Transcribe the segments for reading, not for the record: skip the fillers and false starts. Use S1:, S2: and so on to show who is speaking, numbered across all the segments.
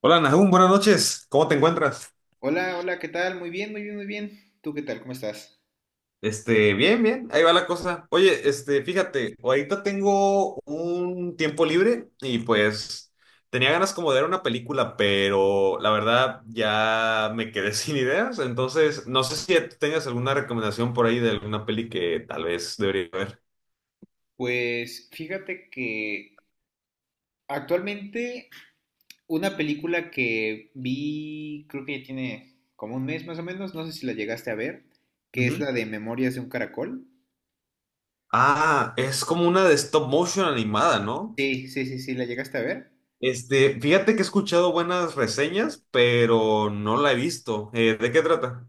S1: Hola Nahum, buenas noches. ¿Cómo te encuentras?
S2: Hola, hola, ¿qué tal? Muy bien, muy bien, muy bien. ¿Tú qué tal? ¿Cómo estás?
S1: Bien, bien, ahí va la cosa. Oye, fíjate, ahorita tengo un tiempo libre y pues tenía ganas como de ver una película, pero la verdad ya me quedé sin ideas, entonces no sé si tengas alguna recomendación por ahí de alguna peli que tal vez debería ver.
S2: Pues fíjate que actualmente una película que vi, creo que ya tiene como un mes más o menos, no sé si la llegaste a ver, que es
S1: Ujú.
S2: la de Memorias de un Caracol.
S1: Ah, es como una de stop motion animada, ¿no?
S2: Sí, sí, sí, sí, la llegaste a ver.
S1: Fíjate que he escuchado buenas reseñas, pero no la he visto. ¿De qué trata?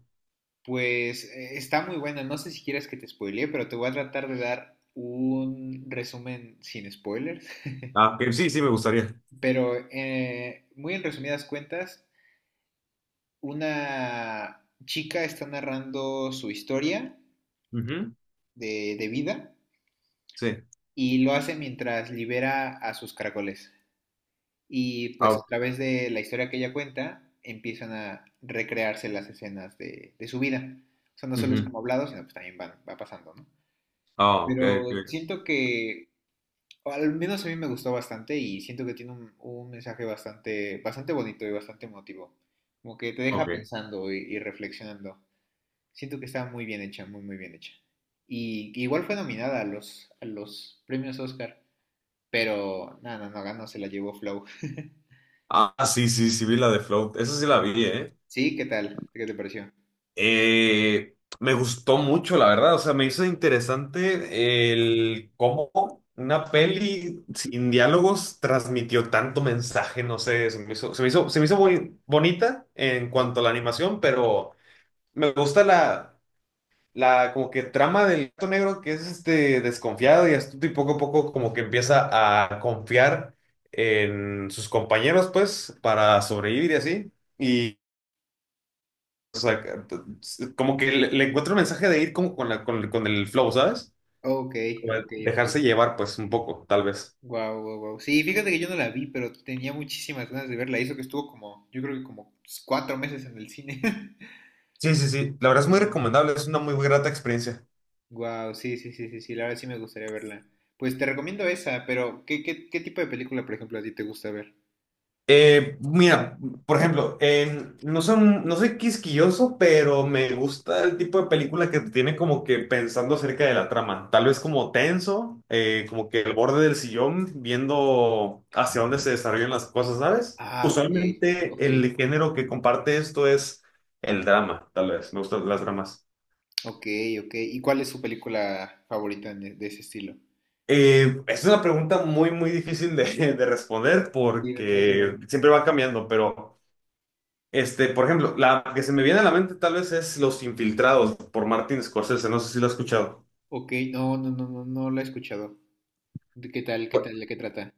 S2: Pues está muy buena, no sé si quieres que te spoilee, pero te voy a tratar de dar un resumen sin spoilers.
S1: Ah, que sí, sí, me gustaría.
S2: Pero muy en resumidas cuentas, una chica está narrando su historia
S1: Ujú.
S2: de vida
S1: Sí.
S2: y lo hace mientras libera a sus caracoles. Y pues a
S1: Ah,
S2: través de la historia que ella cuenta, empiezan a recrearse las escenas de su vida. O sea, no solo es
S1: ujú.
S2: como hablado, sino pues también va pasando, ¿no?
S1: Ah, ok,
S2: Pero
S1: ok.
S2: siento que, o al menos a mí me gustó bastante y siento que tiene un mensaje bastante, bastante bonito y bastante emotivo. Como que te deja
S1: Ok.
S2: pensando y reflexionando. Siento que está muy bien hecha, muy, muy bien hecha. Y igual fue nominada a los premios Oscar, pero nada, no, no ganó, se la llevó Flow.
S1: Ah, sí, sí, sí, vi la de Float. Esa sí la vi, ¿eh?
S2: Sí, ¿qué tal? ¿Qué te pareció?
S1: Eh, me gustó mucho, la verdad. O sea, me hizo interesante el cómo una peli sin diálogos transmitió tanto mensaje. No sé, se me hizo muy bonita en cuanto a
S2: Sí.
S1: la animación, pero me gusta la. La como que trama del gato negro que es este desconfiado y astuto y poco a poco como que empieza a confiar en sus compañeros pues para sobrevivir y así, y, o sea, como que le encuentro un mensaje de ir como con el flow, ¿sabes?
S2: Ok,
S1: Como de
S2: ok,
S1: dejarse
S2: ok.
S1: llevar pues un poco, tal vez.
S2: Wow, wow, wow. Sí, fíjate que yo no la vi, pero tenía muchísimas ganas de verla. Hizo que estuvo como, yo creo que como cuatro meses en el cine.
S1: Sí, sí, sí. La verdad es muy recomendable, es una muy grata experiencia.
S2: Wow, sí, sí, sí, sí, sí, la verdad sí me gustaría verla. Pues te recomiendo esa, pero ¿qué tipo de película, por ejemplo, a ti te gusta ver?
S1: Mira, por ejemplo, no soy quisquilloso, pero me gusta el tipo de película que te tiene como que pensando acerca de la trama. Tal vez como tenso, como que el borde del sillón, viendo hacia dónde se desarrollan las cosas, ¿sabes?
S2: Ah, ok,
S1: Usualmente
S2: ok,
S1: el género que comparte esto es el drama, tal vez. Me gustan las dramas.
S2: ok, ok. ¿Y cuál es su película favorita de ese estilo?
S1: Es una pregunta muy, muy difícil de responder
S2: Sí, me pasa
S1: porque
S2: igual.
S1: siempre va cambiando, pero. Por ejemplo, la que se me viene a la mente tal vez es Los Infiltrados por Martin Scorsese, no sé si lo has escuchado.
S2: Ok, no, no, no, no, no la he escuchado. ¿De qué
S1: Bu-
S2: tal, ¿de qué trata?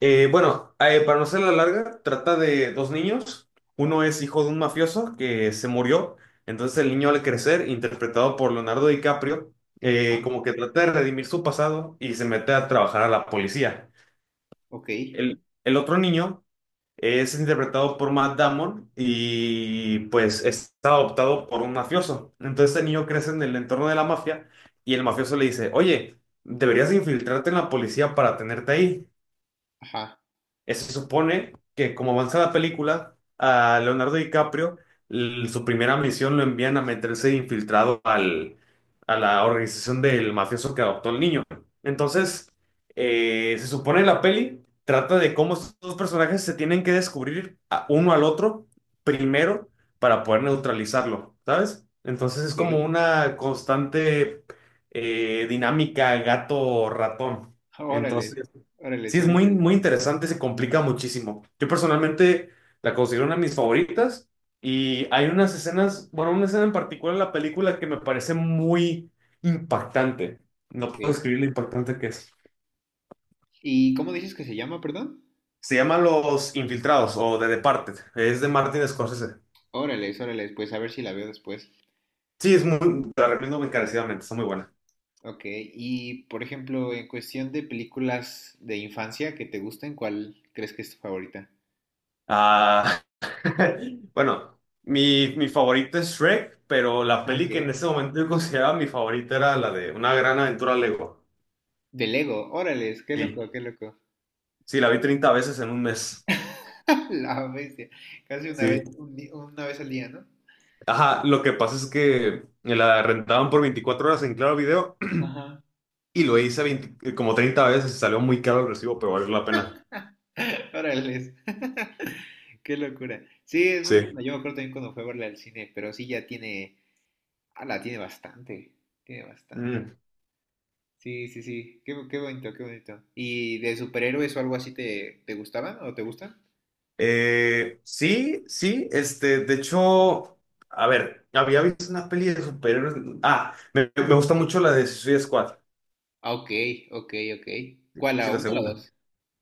S1: bueno, para no ser larga, trata de dos niños. Uno es hijo de un mafioso que se murió, entonces el niño al crecer, interpretado por Leonardo DiCaprio,
S2: Ah,
S1: como que trata de redimir su pasado y se mete a trabajar a la policía.
S2: ok,
S1: El otro niño. Es interpretado por Matt Damon y pues está adoptado por un mafioso. Entonces el niño crece en el entorno de la mafia y el mafioso le dice, oye, deberías infiltrarte en la policía para tenerte ahí.
S2: ajá,
S1: Se supone que como avanza la película, a Leonardo DiCaprio, su primera misión lo envían a meterse infiltrado a la organización del mafioso que adoptó al niño. Entonces, se supone la peli trata de cómo estos dos personajes se tienen que descubrir uno al otro primero para poder neutralizarlo, ¿sabes? Entonces es como
S2: ok.
S1: una constante dinámica gato-ratón.
S2: Órale,
S1: Entonces.
S2: órale,
S1: Sí, es
S2: suena
S1: muy, muy
S2: interesante.
S1: interesante, se complica muchísimo. Yo personalmente la considero una de mis favoritas y hay unas escenas, bueno, una escena en particular en la película que me parece muy impactante. No
S2: Ok.
S1: puedo describir lo impactante que es.
S2: ¿Y cómo dices que se llama, perdón?
S1: Se llama Los Infiltrados o The Departed. Es de Martin Scorsese.
S2: Órale, órale, pues a ver si la veo después.
S1: Sí, es muy, te la recomiendo encarecidamente, está muy buena.
S2: Ok, y por ejemplo, en cuestión de películas de infancia que te gusten, ¿cuál crees que es tu favorita?
S1: Ah, bueno, mi favorita es Shrek, pero la
S2: Ah,
S1: peli que en
S2: ok.
S1: ese momento yo consideraba mi favorita era la de Una gran aventura Lego.
S2: De Lego, órale, qué loco, qué loco.
S1: Sí, la vi 30 veces en un mes.
S2: La bestia. Casi una vez,
S1: Sí.
S2: una vez al día, ¿no?
S1: Ajá, lo que pasa es que me la rentaban por 24 horas en Claro Video
S2: Ajá.
S1: y lo hice 20 como 30 veces y salió muy caro el recibo, pero valió la pena.
S2: Órale. Qué locura. Sí, es muy
S1: Sí.
S2: buena. Yo me acuerdo también cuando fue a verla al cine, pero sí ya tiene. Ah, la tiene bastante. Tiene bastante.
S1: Mm.
S2: Sí, sí, sí. Qué bonito, qué bonito. ¿Y de superhéroes o algo así te, te gustaban o te gustan?
S1: Sí, sí, de hecho, a ver, había visto una peli de superhéroes. Ah, me gusta mucho la de Suicide Squad.
S2: Ah, ok, ok, ok. ¿Cuál,
S1: Sí,
S2: la
S1: la
S2: uno o la
S1: segunda.
S2: dos?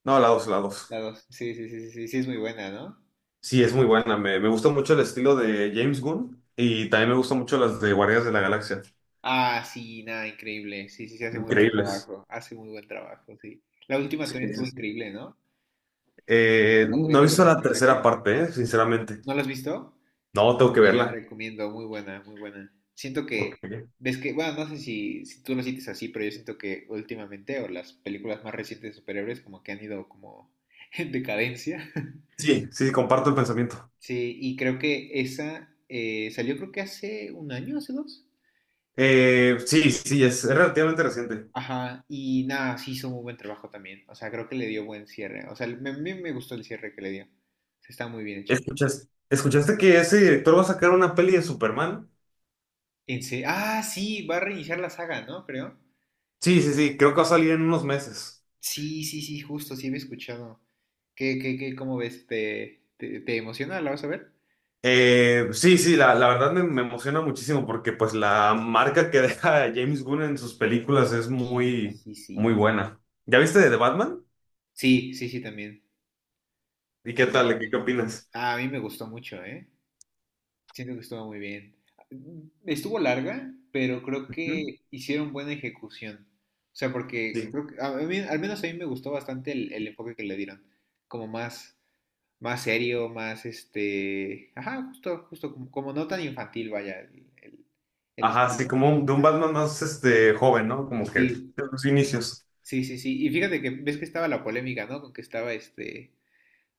S1: No, la dos, la dos.
S2: La dos. Sí, sí, sí, sí, sí, sí, es muy buena, ¿no?
S1: Sí, es muy buena. Me gusta mucho el estilo de James Gunn y también me gustan mucho las de Guardianes de la Galaxia.
S2: Ah, sí, nada, increíble. Sí, sí, sí, hace muy buen
S1: Increíbles.
S2: trabajo. Hace muy buen trabajo, sí. La última
S1: Sí,
S2: también
S1: sí,
S2: estuvo
S1: sí.
S2: increíble, ¿no?
S1: Eh,
S2: ¿Con
S1: no he
S2: 13
S1: visto
S2: Guardianes de
S1: la
S2: la
S1: tercera
S2: Galaxia?
S1: parte, sinceramente.
S2: ¿No la has visto?
S1: No, tengo que
S2: Te la
S1: verla.
S2: recomiendo, muy buena, muy buena. Siento que,
S1: Porque.
S2: ves que, bueno, no sé si tú lo sientes así, pero yo siento que últimamente, o las películas más recientes de superhéroes, como que han ido como en decadencia.
S1: Sí, sí, comparto el pensamiento.
S2: Sí, y creo que esa salió creo que hace un año, hace dos.
S1: Sí, sí, es relativamente reciente.
S2: Ajá, y nada, sí hizo muy buen trabajo también. O sea, creo que le dio buen cierre. O sea, me, a mí me gustó el cierre que le dio. Se está muy bien hecho.
S1: ¿Escuchaste que ese director va a sacar una peli de Superman?
S2: Ah, sí, va a reiniciar la saga, ¿no? Creo.
S1: Sí, sí, sí, creo que va a salir en unos meses.
S2: Sí, sí, sí, justo, sí había escuchado. ¿Cómo ves? ¿Te, te, te emociona? ¿La vas a ver?
S1: Sí, sí, la verdad me emociona muchísimo porque pues la marca que deja James Gunn en sus películas es
S2: Sí,
S1: muy,
S2: sí,
S1: muy
S2: sí.
S1: buena. ¿Ya viste de Batman?
S2: Sí, sí, sí, también.
S1: ¿Y qué
S2: También,
S1: tal? ¿Qué
S2: también.
S1: opinas?
S2: Ah, a mí me gustó mucho, ¿eh? Siento que estuvo muy bien. Estuvo larga, pero creo
S1: Ujú.
S2: que hicieron buena ejecución. O sea, porque
S1: Sí.
S2: creo que a mí, al menos a mí me gustó bastante el enfoque que le dieron. Como más, más serio, más este. Ajá, justo, justo, como, como no tan infantil, vaya, el
S1: Ajá, así
S2: estilo.
S1: como de un Batman más, joven, ¿no? Como que de
S2: Sí,
S1: los inicios.
S2: sí, sí, sí. Y fíjate que ves que estaba la polémica, ¿no? Con que estaba este.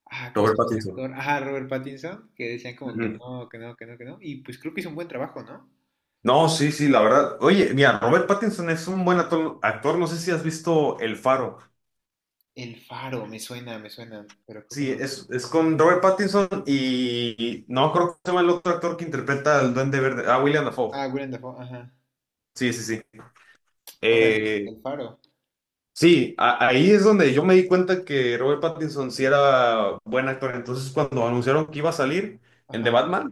S2: Ah, ¿cómo
S1: Robert
S2: se llama este
S1: Pattinson.
S2: actor? Ah, Robert Pattinson, que decían como que
S1: Ujú.
S2: no, que no, que no, que no. Y pues creo que hizo un buen trabajo, ¿no?
S1: No, sí, sí, la verdad. Oye, mira, Robert Pattinson es un buen actor, actor. No sé si has visto El Faro.
S2: El Faro, me suena, pero creo que
S1: Sí,
S2: no.
S1: es con Robert Pattinson y no creo que se llama el otro actor que interpreta al Duende Verde. Ah, William Dafoe.
S2: Ah, Willem Dafoe, ajá.
S1: Sí, sí, sí.
S2: Órale,
S1: Eh,
S2: El Faro,
S1: Sí, ahí es donde yo me di cuenta que Robert Pattinson sí era buen actor. Entonces, cuando anunciaron que iba a salir en The
S2: ajá.
S1: Batman,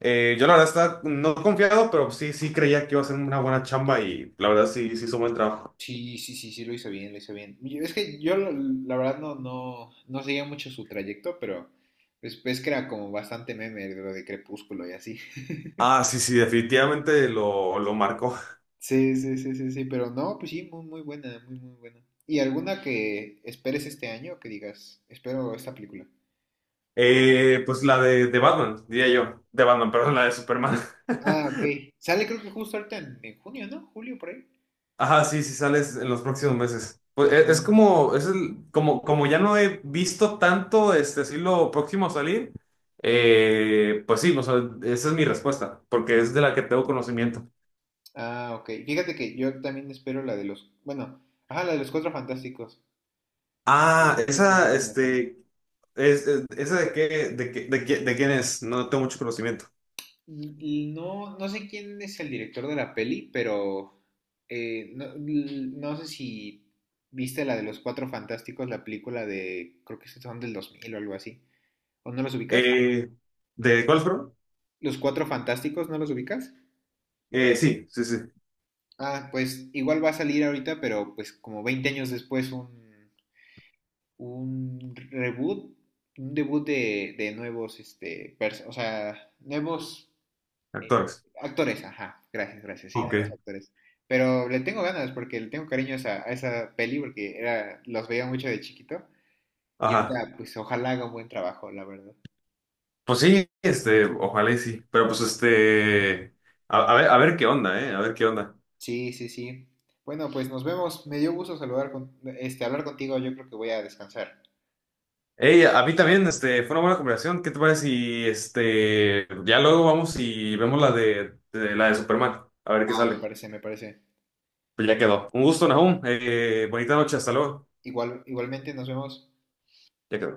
S1: yo la verdad estaba no confiado, pero sí, sí creía que iba a ser una buena chamba y la verdad sí, sí hizo buen trabajo.
S2: Sí, sí, sí, sí, lo hizo bien, lo hizo bien. Es que yo, la verdad, no, no, no seguía mucho su trayecto, pero pues, es que era como bastante meme de lo de Crepúsculo y así.
S1: Ah, sí, sí, definitivamente lo marcó.
S2: Sí, sí, sí, sí, sí, pero no, pues sí, muy, muy buena, muy, muy buena. ¿Y alguna que esperes este año que digas, espero esta película? O-
S1: Pues la de Batman, diría yo. De Batman, perdón, la de Superman.
S2: Ah, ok. Sale creo que justo ahorita en junio, ¿no? Julio, por ahí.
S1: Ajá, sí, sí sales en los
S2: ¿O
S1: próximos
S2: no?
S1: meses. Pues
S2: Ajá.
S1: es, como, como ya no he visto tanto así lo próximo a salir, pues sí, o sea, esa es mi respuesta, porque es de la que tengo conocimiento.
S2: Ah, ok. Fíjate que yo también espero la de los, bueno, ajá, la de los Cuatro Fantásticos.
S1: Ah,
S2: Yo tengo
S1: esa,
S2: ganas también.
S1: este, es- esa de quién es, no tengo mucho conocimiento.
S2: Y no, no sé quién es el director de la peli, pero no, no sé si viste la de los Cuatro Fantásticos, la película de, creo que son del 2000 o algo así. ¿O no los ubicas?
S1: Eh, ¿de cuál fueron?
S2: ¿Los Cuatro Fantásticos no los ubicas?
S1: Sí, sí, sí,
S2: Ah, pues igual va a salir ahorita, pero pues como 20 años después un reboot, un debut de nuevos, este, o sea, nuevos eh,
S1: actores.
S2: actores, ajá, gracias, gracias, sí, nuevos
S1: Ok,
S2: actores. Pero le tengo ganas porque le tengo cariño a esa peli porque era, los veía mucho de chiquito y
S1: ajá.
S2: ahorita pues ojalá haga un buen trabajo, la verdad.
S1: Pues sí, ojalá y sí, pero pues a ver, a ver qué onda, a ver qué onda.
S2: Sí, sí, sí. Bueno, pues nos vemos. Me dio gusto saludar con, este, hablar contigo. Yo creo que voy a descansar.
S1: Hey, a mí también, fue una buena conversación. ¿Qué te parece si, ya luego vamos y vemos la de Superman, a ver qué
S2: Ah, me
S1: sale?
S2: parece, me parece.
S1: Pues ya quedó. Un gusto, Nahum. Bonita noche, hasta luego.
S2: Igual, igualmente nos vemos.
S1: Ya quedó.